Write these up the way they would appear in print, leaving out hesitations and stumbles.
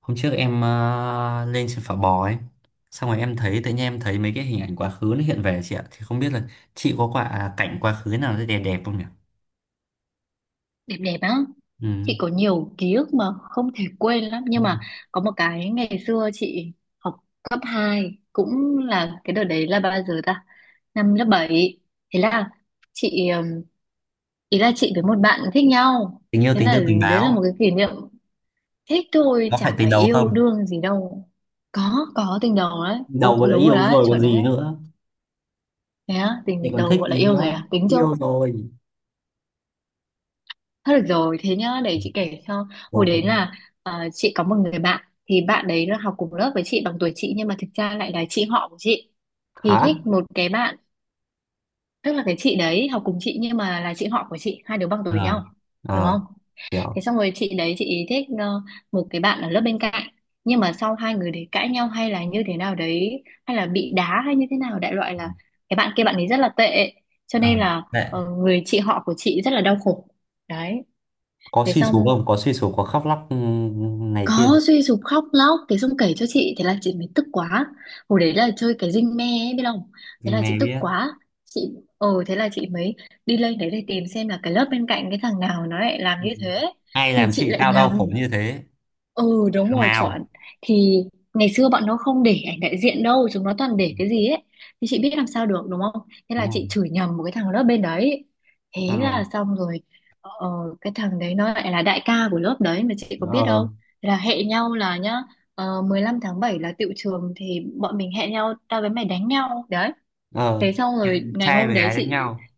Hôm trước em lên trên phà bò ấy. Xong rồi em thấy tự nhiên em thấy mấy cái hình ảnh quá khứ nó hiện về, chị ạ. Thì không biết là chị có quả cảnh quá khứ nào rất đẹp đẹp không nhỉ? Đẹp đẹp á. Ừ. Chị có nhiều ký ức mà không thể quên lắm nhưng Đúng rồi. mà có một cái ngày xưa chị học cấp hai, cũng là cái đợt đấy là bao giờ ta, năm lớp bảy. Thế là chị ý là chị với một bạn thích nhau. Tình yêu Thế tình là thương tình đấy là một báo. cái kỷ niệm, thích thôi Có phải chả tình phải đầu yêu không? đương gì đâu. Có tình đầu đấy. Ồ, Đầu cũng đã đúng rồi yêu đấy, rồi còn chuẩn đấy. gì nữa. Thế á, Thì tình còn đầu thích gọi là gì yêu rồi nữa. à, tính chưa. Yêu rồi. Thôi được rồi, thế nhá, để Ừ. chị kể cho. Hồi OK. đấy là chị có một người bạn, thì bạn đấy là học cùng lớp với chị, bằng tuổi chị nhưng mà thực ra lại là chị họ của chị. Thì Hả? thích một cái bạn, tức là cái chị đấy học cùng chị nhưng mà là chị họ của chị, hai đứa bằng tuổi nhau, Ờ. hiểu Ờ. không? Thế Hiểu. xong rồi chị đấy chị thích một cái bạn ở lớp bên cạnh. Nhưng mà sau hai người đấy cãi nhau hay là như thế nào đấy, hay là bị đá hay như thế nào, đại loại Ừ, là cái bạn kia bạn ấy rất là tệ. Cho Ờ. nên là Đấy. Người chị họ của chị rất là đau khổ. Đấy, Có thế suy xong sụp không? Có suy sụp có khóc lóc, ừ, này kia. có suy sụp khóc lóc, thế xong kể cho chị, thế là chị mới tức quá. Hồi đấy là chơi cái dinh me ấy, biết không? Thế Mình là chị mày tức biết. quá, chị ờ thế là chị mới đi lên đấy để tìm xem là cái lớp bên cạnh cái thằng nào nó lại làm Ừ. như thế. Ai Thì làm chị chị lại tao đau khổ nhầm. như thế? Ừ đúng Thằng rồi, chuẩn. nào? Thì ngày xưa bọn nó không để ảnh đại diện đâu, chúng nó toàn để cái gì ấy, thì chị biết làm sao được đúng không. Thế Đúng là chị không? chửi nhầm một cái thằng lớp bên đấy. Thế Ờ. là xong rồi, ờ, cái thằng đấy nó lại là đại ca của lớp đấy, mà chị có biết Ờ. đâu. Thế là hẹn nhau là nhá, 15 tháng 7 là tựu trường. Thì bọn mình hẹn nhau, tao với mày đánh nhau. Đấy. Ờ. Thế xong rồi ngày Trai hôm với đấy gái đánh chị. nhau.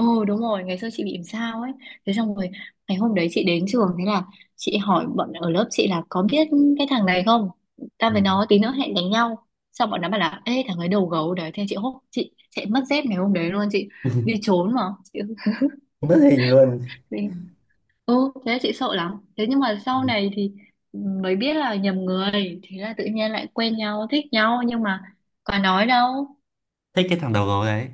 Ừ đúng rồi, ngày xưa chị bị làm sao ấy. Thế xong rồi ngày hôm đấy chị đến trường, thế là chị hỏi bọn ở lớp chị là có biết cái thằng này không? Ta với nó Ừ. tí nữa hẹn đánh nhau. Xong bọn nó bảo là ê, thằng ấy đầu gấu đấy. Thế chị hốt, chị chạy mất dép ngày hôm đấy luôn, chị đi trốn mà. Chị Mất hình luôn. đi. Ừ thế là chị sợ lắm. Thế nhưng mà sau Ừ. này thì mới biết là nhầm người, thế là tự nhiên lại quen nhau, thích nhau nhưng mà có nói đâu. Thích cái thằng đầu gấu đấy.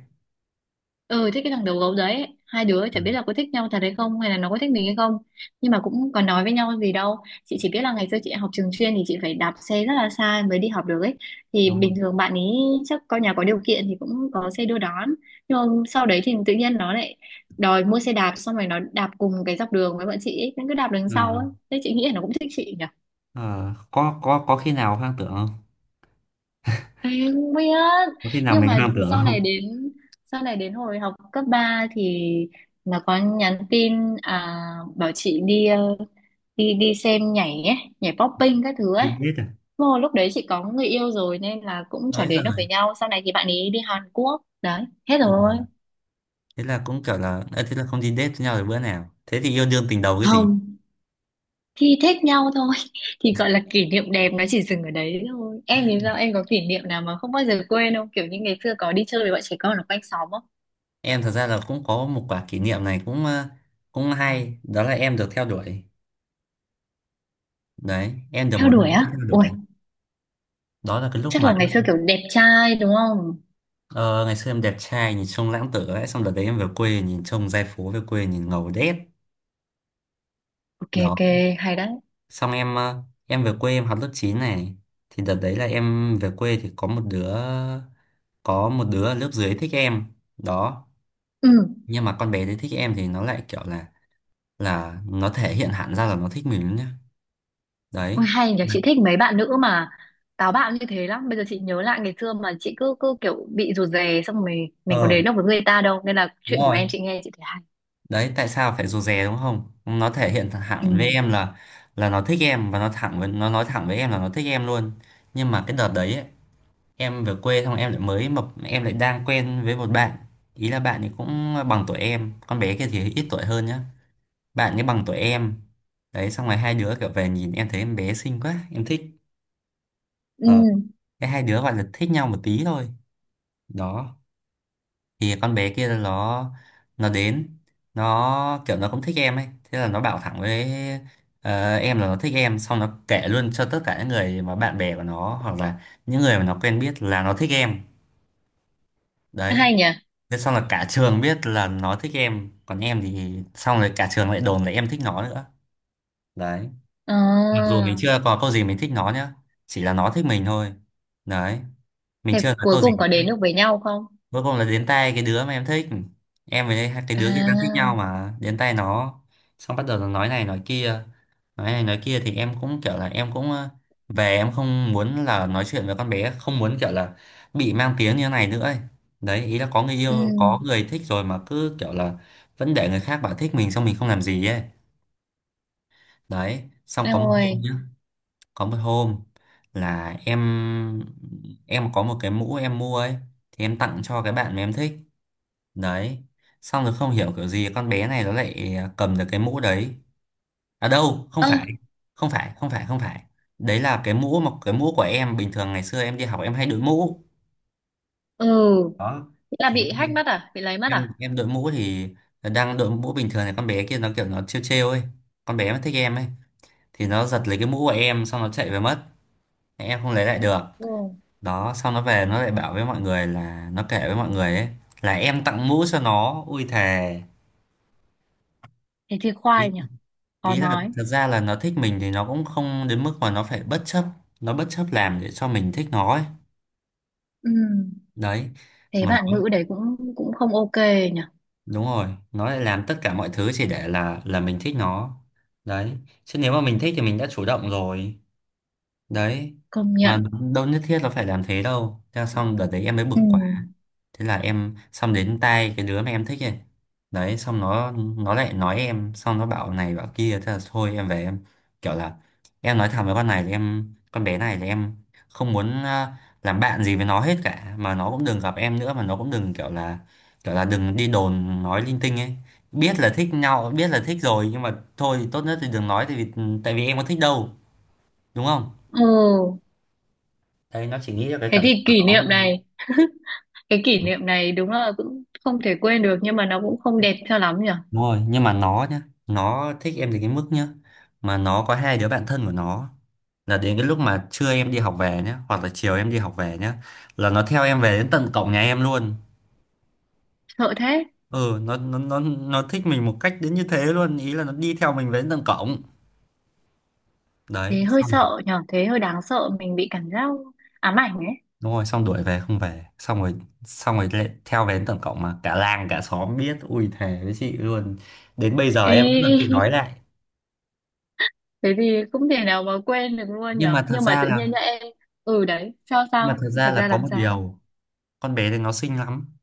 Ừ, thích cái thằng đầu gấu đấy, hai đứa Ừ, chả biết là có thích nhau thật hay không, hay là nó có thích mình hay không, nhưng mà cũng còn nói với nhau gì đâu. Chị chỉ biết là ngày xưa chị học trường chuyên thì chị phải đạp xe rất là xa mới đi học được ấy, thì đúng bình không? thường bạn ấy chắc con nhà có điều kiện thì cũng có xe đưa đón, nhưng mà sau đấy thì tự nhiên nó lại đòi mua xe đạp, xong rồi nó đạp cùng cái dọc đường với bọn chị ấy, nó cứ đạp đằng sau ờ ấy, thế chị nghĩ là nó cũng thích chị nhỉ. Có khi nào hoang tưởng không? Em không biết, Có khi nào nhưng mình mà hoang tưởng sau này không? đến, hồi học cấp 3 thì nó có nhắn tin, à, bảo chị đi, đi đi xem nhảy ấy, nhảy popping các thứ ấy. Đi date. Vô lúc đấy chị có người yêu rồi nên là cũng À chả ới giời. đến được với nhau. Sau này thì bạn ấy đi Hàn Quốc. Đấy, hết Ừ. rồi. Thế là cũng kiểu là thế là không đi date với nhau được bữa nào, thế thì yêu đương tình đầu cái gì. Không, thì thích nhau thôi. Thì gọi là kỷ niệm đẹp nó chỉ dừng ở đấy thôi. Em thì sao? Em có kỷ niệm nào mà không bao giờ quên không? Kiểu như ngày xưa có đi chơi với bọn trẻ con ở quanh xóm không? Em thật ra là cũng có một quả kỷ niệm này cũng cũng hay, đó là em được theo đuổi. Đấy, em được Theo một đuổi bạn nữ á? theo Ui, đuổi. Đó là cái lúc chắc mà. là ngày xưa kiểu đẹp trai đúng không. Ờ, ngày xưa em đẹp trai nhìn trông lãng tử ấy, xong đợt đấy em về quê nhìn trông giai phố về quê nhìn ngầu đét. Ok Đó, ok, hay đấy. xong em em về quê em học lớp 9 này. Thì đợt đấy là em về quê thì có một đứa. Có một đứa ở lớp dưới thích em đó. Ừ, Nhưng mà con bé đấy thích em thì nó lại kiểu là nó thể hiện hẳn ra là nó thích mình nhá. Đấy. ôi hay nhờ, chị thích mấy bạn nữ mà táo bạo như thế lắm. Bây giờ chị nhớ lại ngày xưa mà chị cứ cứ kiểu bị rụt rè, xong rồi mình có đến Ờ. được với người ta đâu, nên là Đúng chuyện của rồi. em chị nghe chị thấy hay. Đấy, tại sao phải rụt rè đúng không, nó thể hiện Ừ. thẳng với em là nó thích em, và nó thẳng với, nó nói thẳng với em là nó thích em luôn. Nhưng mà cái đợt đấy ấy, em về quê xong em lại mới mập, em lại đang quen với một bạn. Ý là bạn ấy cũng bằng tuổi em, con bé kia thì ít tuổi hơn nhá. Bạn ấy bằng tuổi em. Đấy, xong rồi hai đứa kiểu về nhìn em thấy em bé xinh quá em thích. Ừ, Ờ. Cái hai đứa gọi là thích nhau một tí thôi. Đó. Thì con bé kia nó đến, nó kiểu nó cũng thích em ấy, thế là nó bảo thẳng với, em là nó thích em, xong nó kể luôn cho tất cả những người mà bạn bè của nó hoặc là những người mà nó quen biết là nó thích em. Đấy. hay nhỉ. Thế xong là cả trường biết là nó thích em, còn em thì xong rồi cả trường lại đồn là em thích nó nữa. Đấy. Mặc dù À, mình chưa có câu gì mình thích nó nhá. Chỉ là nó thích mình thôi. Đấy. Mình thế chưa nói cuối câu gì. cùng có đến được với nhau không? Cuối cùng là đến tay cái đứa mà em thích. Em với hai cái đứa kia đang thích À. nhau mà đến tay nó. Xong bắt đầu nó nói này nói kia, nói này nói kia thì em cũng kiểu là em cũng về em không muốn là nói chuyện với con bé, không muốn kiểu là bị mang tiếng như thế này nữa ấy. Đấy, ý là có người Ừ, yêu có người thích rồi mà cứ kiểu là vẫn để người khác bảo thích mình xong mình không làm gì ấy. Đấy, xong có đâu một hôm rồi. nhá, có một hôm là em có một cái mũ em mua ấy, thì em tặng cho cái bạn mà em thích. Đấy, xong rồi không hiểu kiểu gì con bé này nó lại cầm được cái mũ đấy. À đâu, không Ơ. phải, không phải, không phải, không phải. Đấy là cái mũ mà cái mũ của em bình thường ngày xưa em đi học em hay đội mũ. Ừ, Đó, là thì em bị hack hay- mất à, bị lấy mất em à. em đội mũ thì, đang đội mũ bình thường này, con bé kia nó kiểu nó trêu trêu ấy, con bé mà thích em ấy, thì nó giật lấy cái mũ của em xong nó chạy về mất, em không lấy lại được. Ừ, Đó, xong nó về nó lại bảo với mọi người là nó kể với mọi người ấy là em tặng mũ cho nó, ui thề. thế thì khoai nhỉ, khó Ý là nói. thật ra là nó thích mình thì nó cũng không đến mức mà nó phải bất chấp, nó bất chấp làm để cho mình thích nó ấy. Ừ, Đấy, thế mà bạn nó, nữ đấy cũng cũng không ok nhỉ. đúng rồi nó lại làm tất cả mọi thứ chỉ để là mình thích nó. Đấy, chứ nếu mà mình thích thì mình đã chủ động rồi. Đấy, Công mà nhận. đâu nhất thiết là phải làm thế đâu, thế là xong đợt đấy em mới bực Ừ. quá. Thế là em xong đến tay cái đứa mà em thích ấy. Đấy, xong nó lại nói em xong nó bảo này bảo kia, thế là thôi em về em kiểu là, em nói thẳng với con này là em, con bé này là em không muốn làm bạn gì với nó hết cả, mà nó cũng đừng gặp em nữa, mà nó cũng đừng kiểu là, kiểu là đừng đi đồn nói linh tinh ấy. Biết là thích nhau biết là thích rồi nhưng mà thôi tốt nhất thì đừng nói, tại vì, tại vì em có thích đâu, đúng không? Ừ, Đấy, nó chỉ nghĩ ra cái thế cảm xúc thì của kỷ niệm nó. này, cái kỷ niệm này đúng là cũng không thể quên được nhưng mà nó cũng không đẹp cho lắm nhỉ. Đúng rồi, nhưng mà nó nhá, nó thích em đến cái mức nhá, mà nó có hai đứa bạn thân của nó, là đến cái lúc mà trưa em đi học về nhá, hoặc là chiều em đi học về nhá, là nó theo em về đến tận cổng nhà em luôn. Sợ thế, Ừ, nó thích mình một cách đến như thế luôn, ý là nó đi theo mình về đến tận cổng. Đấy, thế hơi xong sợ nhỉ, thế hơi đáng sợ, mình bị cảm giác ám ảnh ấy. đúng rồi, xong đuổi về không về, xong rồi lại theo về đến tận cổng mà cả làng cả xóm biết, ui thề với chị luôn. Đến bây giờ Ê, em vẫn còn bị nói lại. thế thì không thể nào mà quên được luôn nhỉ, Nhưng mà thật nhưng mà ra tự nhiên là, nhá em. Ừ đấy, sao nhưng mà sao thật ra thật là ra có làm một sao. điều, con bé này nó xinh lắm,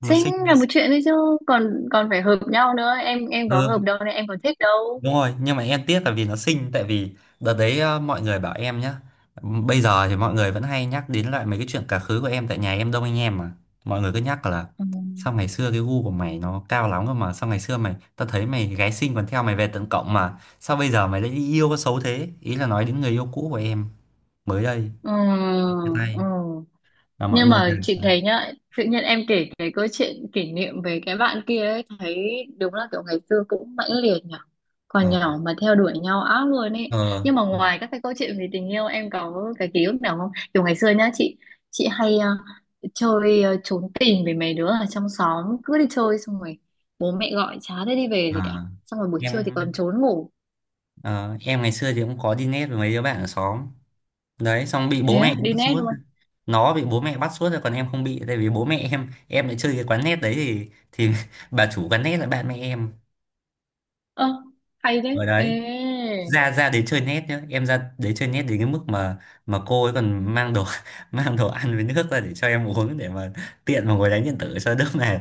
nó Xinh sinh. là một chuyện đấy chứ, còn còn phải hợp nhau nữa, em có Ừ, hợp đâu nên em còn thích đâu. đúng rồi nhưng mà em tiếc là vì nó sinh, tại vì đợt đấy mọi người bảo em nhá, bây giờ thì mọi người vẫn hay nhắc đến lại mấy cái chuyện quá khứ của em tại nhà em đông anh em mà, mọi người cứ nhắc là Ừ. sao ngày xưa cái gu của mày nó cao lắm cơ mà, sao ngày xưa mày, tao thấy mày gái xinh còn theo mày về tận cộng mà sao bây giờ mày lại đi yêu có xấu thế, ý là nói đến người yêu cũ của em mới đây Ừ. chia tay. Ừ. Mà mọi Nhưng người đều mà chị là, thấy nhá, tự nhiên em kể cái câu chuyện kỷ niệm về cái bạn kia ấy, thấy đúng là kiểu ngày xưa cũng mãnh liệt nhở. ờ Còn nhỏ mà theo đuổi nhau ác luôn ấy. ờ, Nhưng mà ngoài các cái câu chuyện về tình yêu, em có cái ký ức nào không? Kiểu ngày xưa nhá chị hay chơi trốn tìm với mấy đứa ở trong xóm, cứ đi chơi xong rồi bố mẹ gọi chả thấy đi về gì cả. à, Xong rồi buổi trưa thì em còn trốn ngủ. ờ, em ngày xưa thì cũng có đi nét với mấy đứa bạn ở xóm. Đấy, xong bị bố Thế mẹ á, đi bắt net suốt, luôn. nó bị bố mẹ bắt suốt rồi còn em không bị tại vì bố mẹ em lại chơi cái quán net đấy thì bà chủ quán net là bạn mẹ em. Ơ, hay thế. Ở đấy, Ê. ra ra đấy chơi net nhá, em ra đấy chơi net đến cái mức mà cô ấy còn mang đồ mang đồ ăn với nước ra để cho em uống để mà tiện mà ngồi đánh điện tử cho đỡ mệt.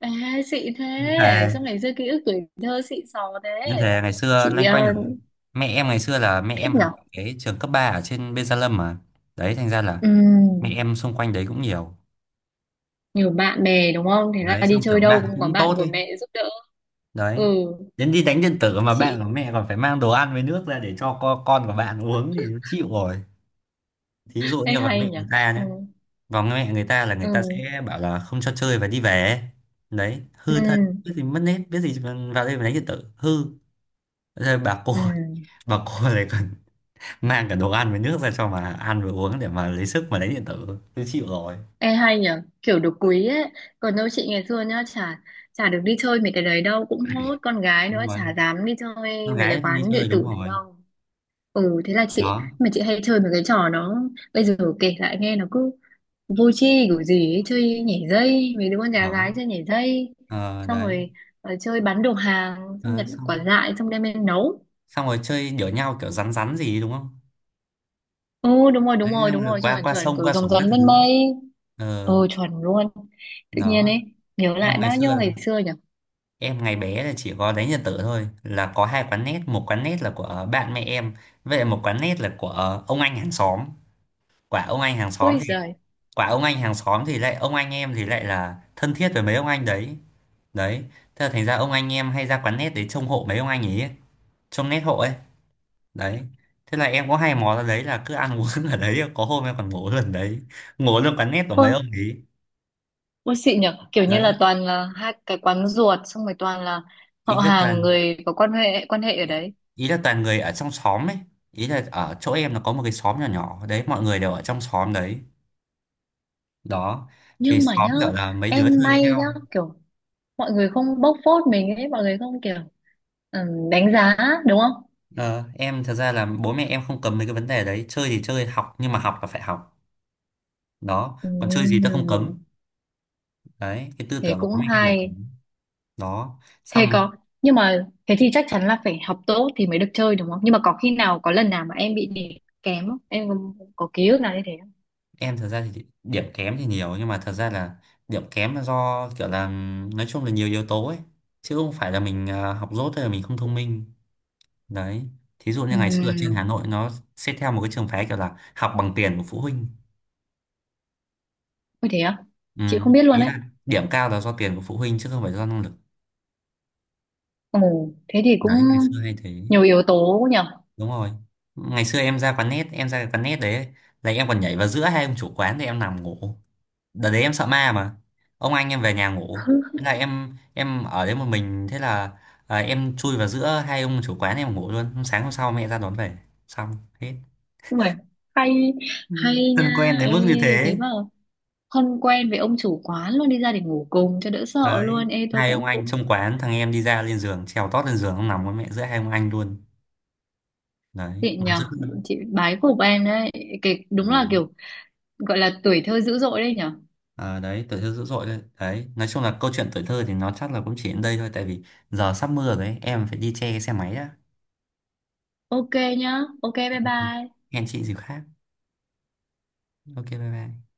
Ê, xịn Em thế. thề, Sao ngày xưa ký ức tuổi thơ xịn sò thế. em thề ngày xưa Chị loanh quanh là- mẹ em ngày xưa là mẹ thích em học nhở. cái trường cấp 3 ở trên Bên Gia Lâm mà. Đấy, thành ra là mẹ Ừm. em xung quanh đấy cũng nhiều. Nhiều bạn bè đúng không. Thế là Đấy, đi xong chơi kiểu đâu bạn cũng có cũng tốt bạn của ấy. mẹ giúp đỡ. Đấy, Ừ đến đi đánh điện tử mà bạn chị. của mẹ còn phải mang đồ ăn với nước ra để cho con của bạn uống thì chịu rồi. Thí dụ Ê như vào hay mẹ người nhở. ta Ừ. nhé, vào mẹ người ta là người ta Ừ. sẽ bảo là không cho chơi và đi về. Đấy, Ừ. hư thân biết gì mất nết biết gì mà vào đây mà đánh điện tử hư. Rồi bà cô Ừ. bà cô lại còn mang cả đồ ăn với nước ra cho mà ăn và uống để mà lấy sức mà đánh điện tử, tôi chịu rồi. Ê hay nhở, kiểu được quý ấy. Còn đâu chị ngày xưa nhá, chả chả được đi chơi mấy cái đấy đâu. Cũng hốt con gái Đúng nữa, rồi, chả dám đi chơi con mấy cái gái không đi quán điện chơi đúng tử đấy rồi. đâu. Ừ thế là chị, Đó. mà chị hay chơi mấy cái trò nó, bây giờ kể lại nghe nó cứ vô tri kiểu gì ấy, chơi nhảy dây, mấy đứa con nhà Đó. gái chơi nhảy dây, Ờ, xong đấy. rồi chơi bán đồ hàng, xong Ờ, nhặt quả xong dại xong đem lên nấu. xong rồi chơi đỡ nhau kiểu rắn rắn gì đúng không? Ừ đúng rồi đúng Đấy, rồi xong đúng rồi rồi, qua chuẩn qua chuẩn, sông kiểu qua rồng sổng rắn các lên thứ. mây. Ờ. Ừ, chuẩn luôn. Tự nhiên Đó. ấy, nhớ lại Em ngày bao xưa nhiêu là- ngày xưa nhỉ. em ngày bé là chỉ có đánh Nhật tử thôi, là có hai quán nét, một quán nét là của bạn mẹ em, vậy một quán nét là của ông anh hàng xóm. quả ông anh hàng xóm Ôi thì giời. Quả ông anh hàng xóm thì lại, ông anh em thì lại là thân thiết với mấy ông anh đấy. Đấy, thế là thành ra ông anh em hay ra quán nét để trông hộ mấy ông anh ấy, trông nét hộ ấy. Đấy, thế là em có hay mò ra đấy là cứ ăn uống ở đấy, có hôm em còn ngủ lần đấy, ngủ luôn quán nét của mấy Ôi, ông ấy. ôi xịn nhỉ, kiểu như Đấy, là toàn là hai cái quán ruột, xong rồi toàn là họ ý là hàng, toàn người có quan hệ, quan hệ ở đấy. ý là toàn người ở trong xóm ấy, ý là ở chỗ em nó có một cái xóm nhỏ nhỏ đấy, mọi người đều ở trong xóm đấy. Đó, thì Nhưng mà xóm nhá, gọi là mấy đứa em chơi với may nhá, nhau. kiểu mọi người không bóc phốt mình ấy, mọi người không kiểu, ừ, đánh giá, đúng không? Ờ, em thật ra là bố mẹ em không cấm mấy cái vấn đề đấy, chơi thì chơi học nhưng mà học là phải học. Đó, còn chơi gì tao Ừ, không cấm. Đấy, cái tư thế tưởng của bố cũng mẹ em là thế. hay. Đó, Thế xong rồi có, nhưng mà thế thì chắc chắn là phải học tốt thì mới được chơi đúng không? Nhưng mà có khi nào, có lần nào mà em bị điểm kém không? Em có ký ức nào như thế không? em thật ra thì điểm kém thì nhiều nhưng mà thật ra là điểm kém là do kiểu là, nói chung là nhiều yếu tố ấy, chứ không phải là mình học dốt hay là mình không thông minh. Đấy, thí dụ như Ừ, ngày xưa ở trên Hà Nội nó xét theo một cái trường phái kiểu là học bằng tiền của phụ huynh. có thế à? Ừ. Chị không biết luôn Ý đấy. là điểm cao là do tiền của phụ huynh chứ không phải do năng lực. Ồ, thế thì cũng Đấy, ngày xưa hay thế. nhiều yếu tố nhở? Đúng rồi, ngày xưa em ra quán net em ra cái quán net đấy, là em còn nhảy vào giữa hai ông chủ quán để em nằm ngủ. Đợt đấy em sợ ma mà, ông anh em về nhà ngủ, thế là em ở đấy một mình, thế là em chui vào giữa hai ông chủ quán em ngủ luôn, sáng hôm sau mẹ ra đón về. Xong, hết. Đúng rồi. Hay, Ừ, hay nha. thân quen đến Ê, mức như thế thế. mà không quen với ông chủ quán luôn đi ra để ngủ cùng cho đỡ sợ Đấy, luôn. Ê tôi hai ông cũng anh cũng trong quán thằng em đi ra lên giường trèo tót lên giường, ông nằm với mẹ giữa hai ông anh luôn. Đấy, chị nằm nhờ, dữ luôn. chị bái phục em đấy, cái đúng là Đó. kiểu gọi là tuổi thơ dữ dội đấy nhở. Ờ, đấy tuổi thơ dữ dội đấy, đấy nói chung là câu chuyện tuổi thơ thì nó chắc là cũng chỉ đến đây thôi, tại vì giờ sắp mưa rồi ấy, em phải đi che cái xe máy đã. Ok nhá, ok bye bye. Hẹn chị dịp khác. OK, bye bye.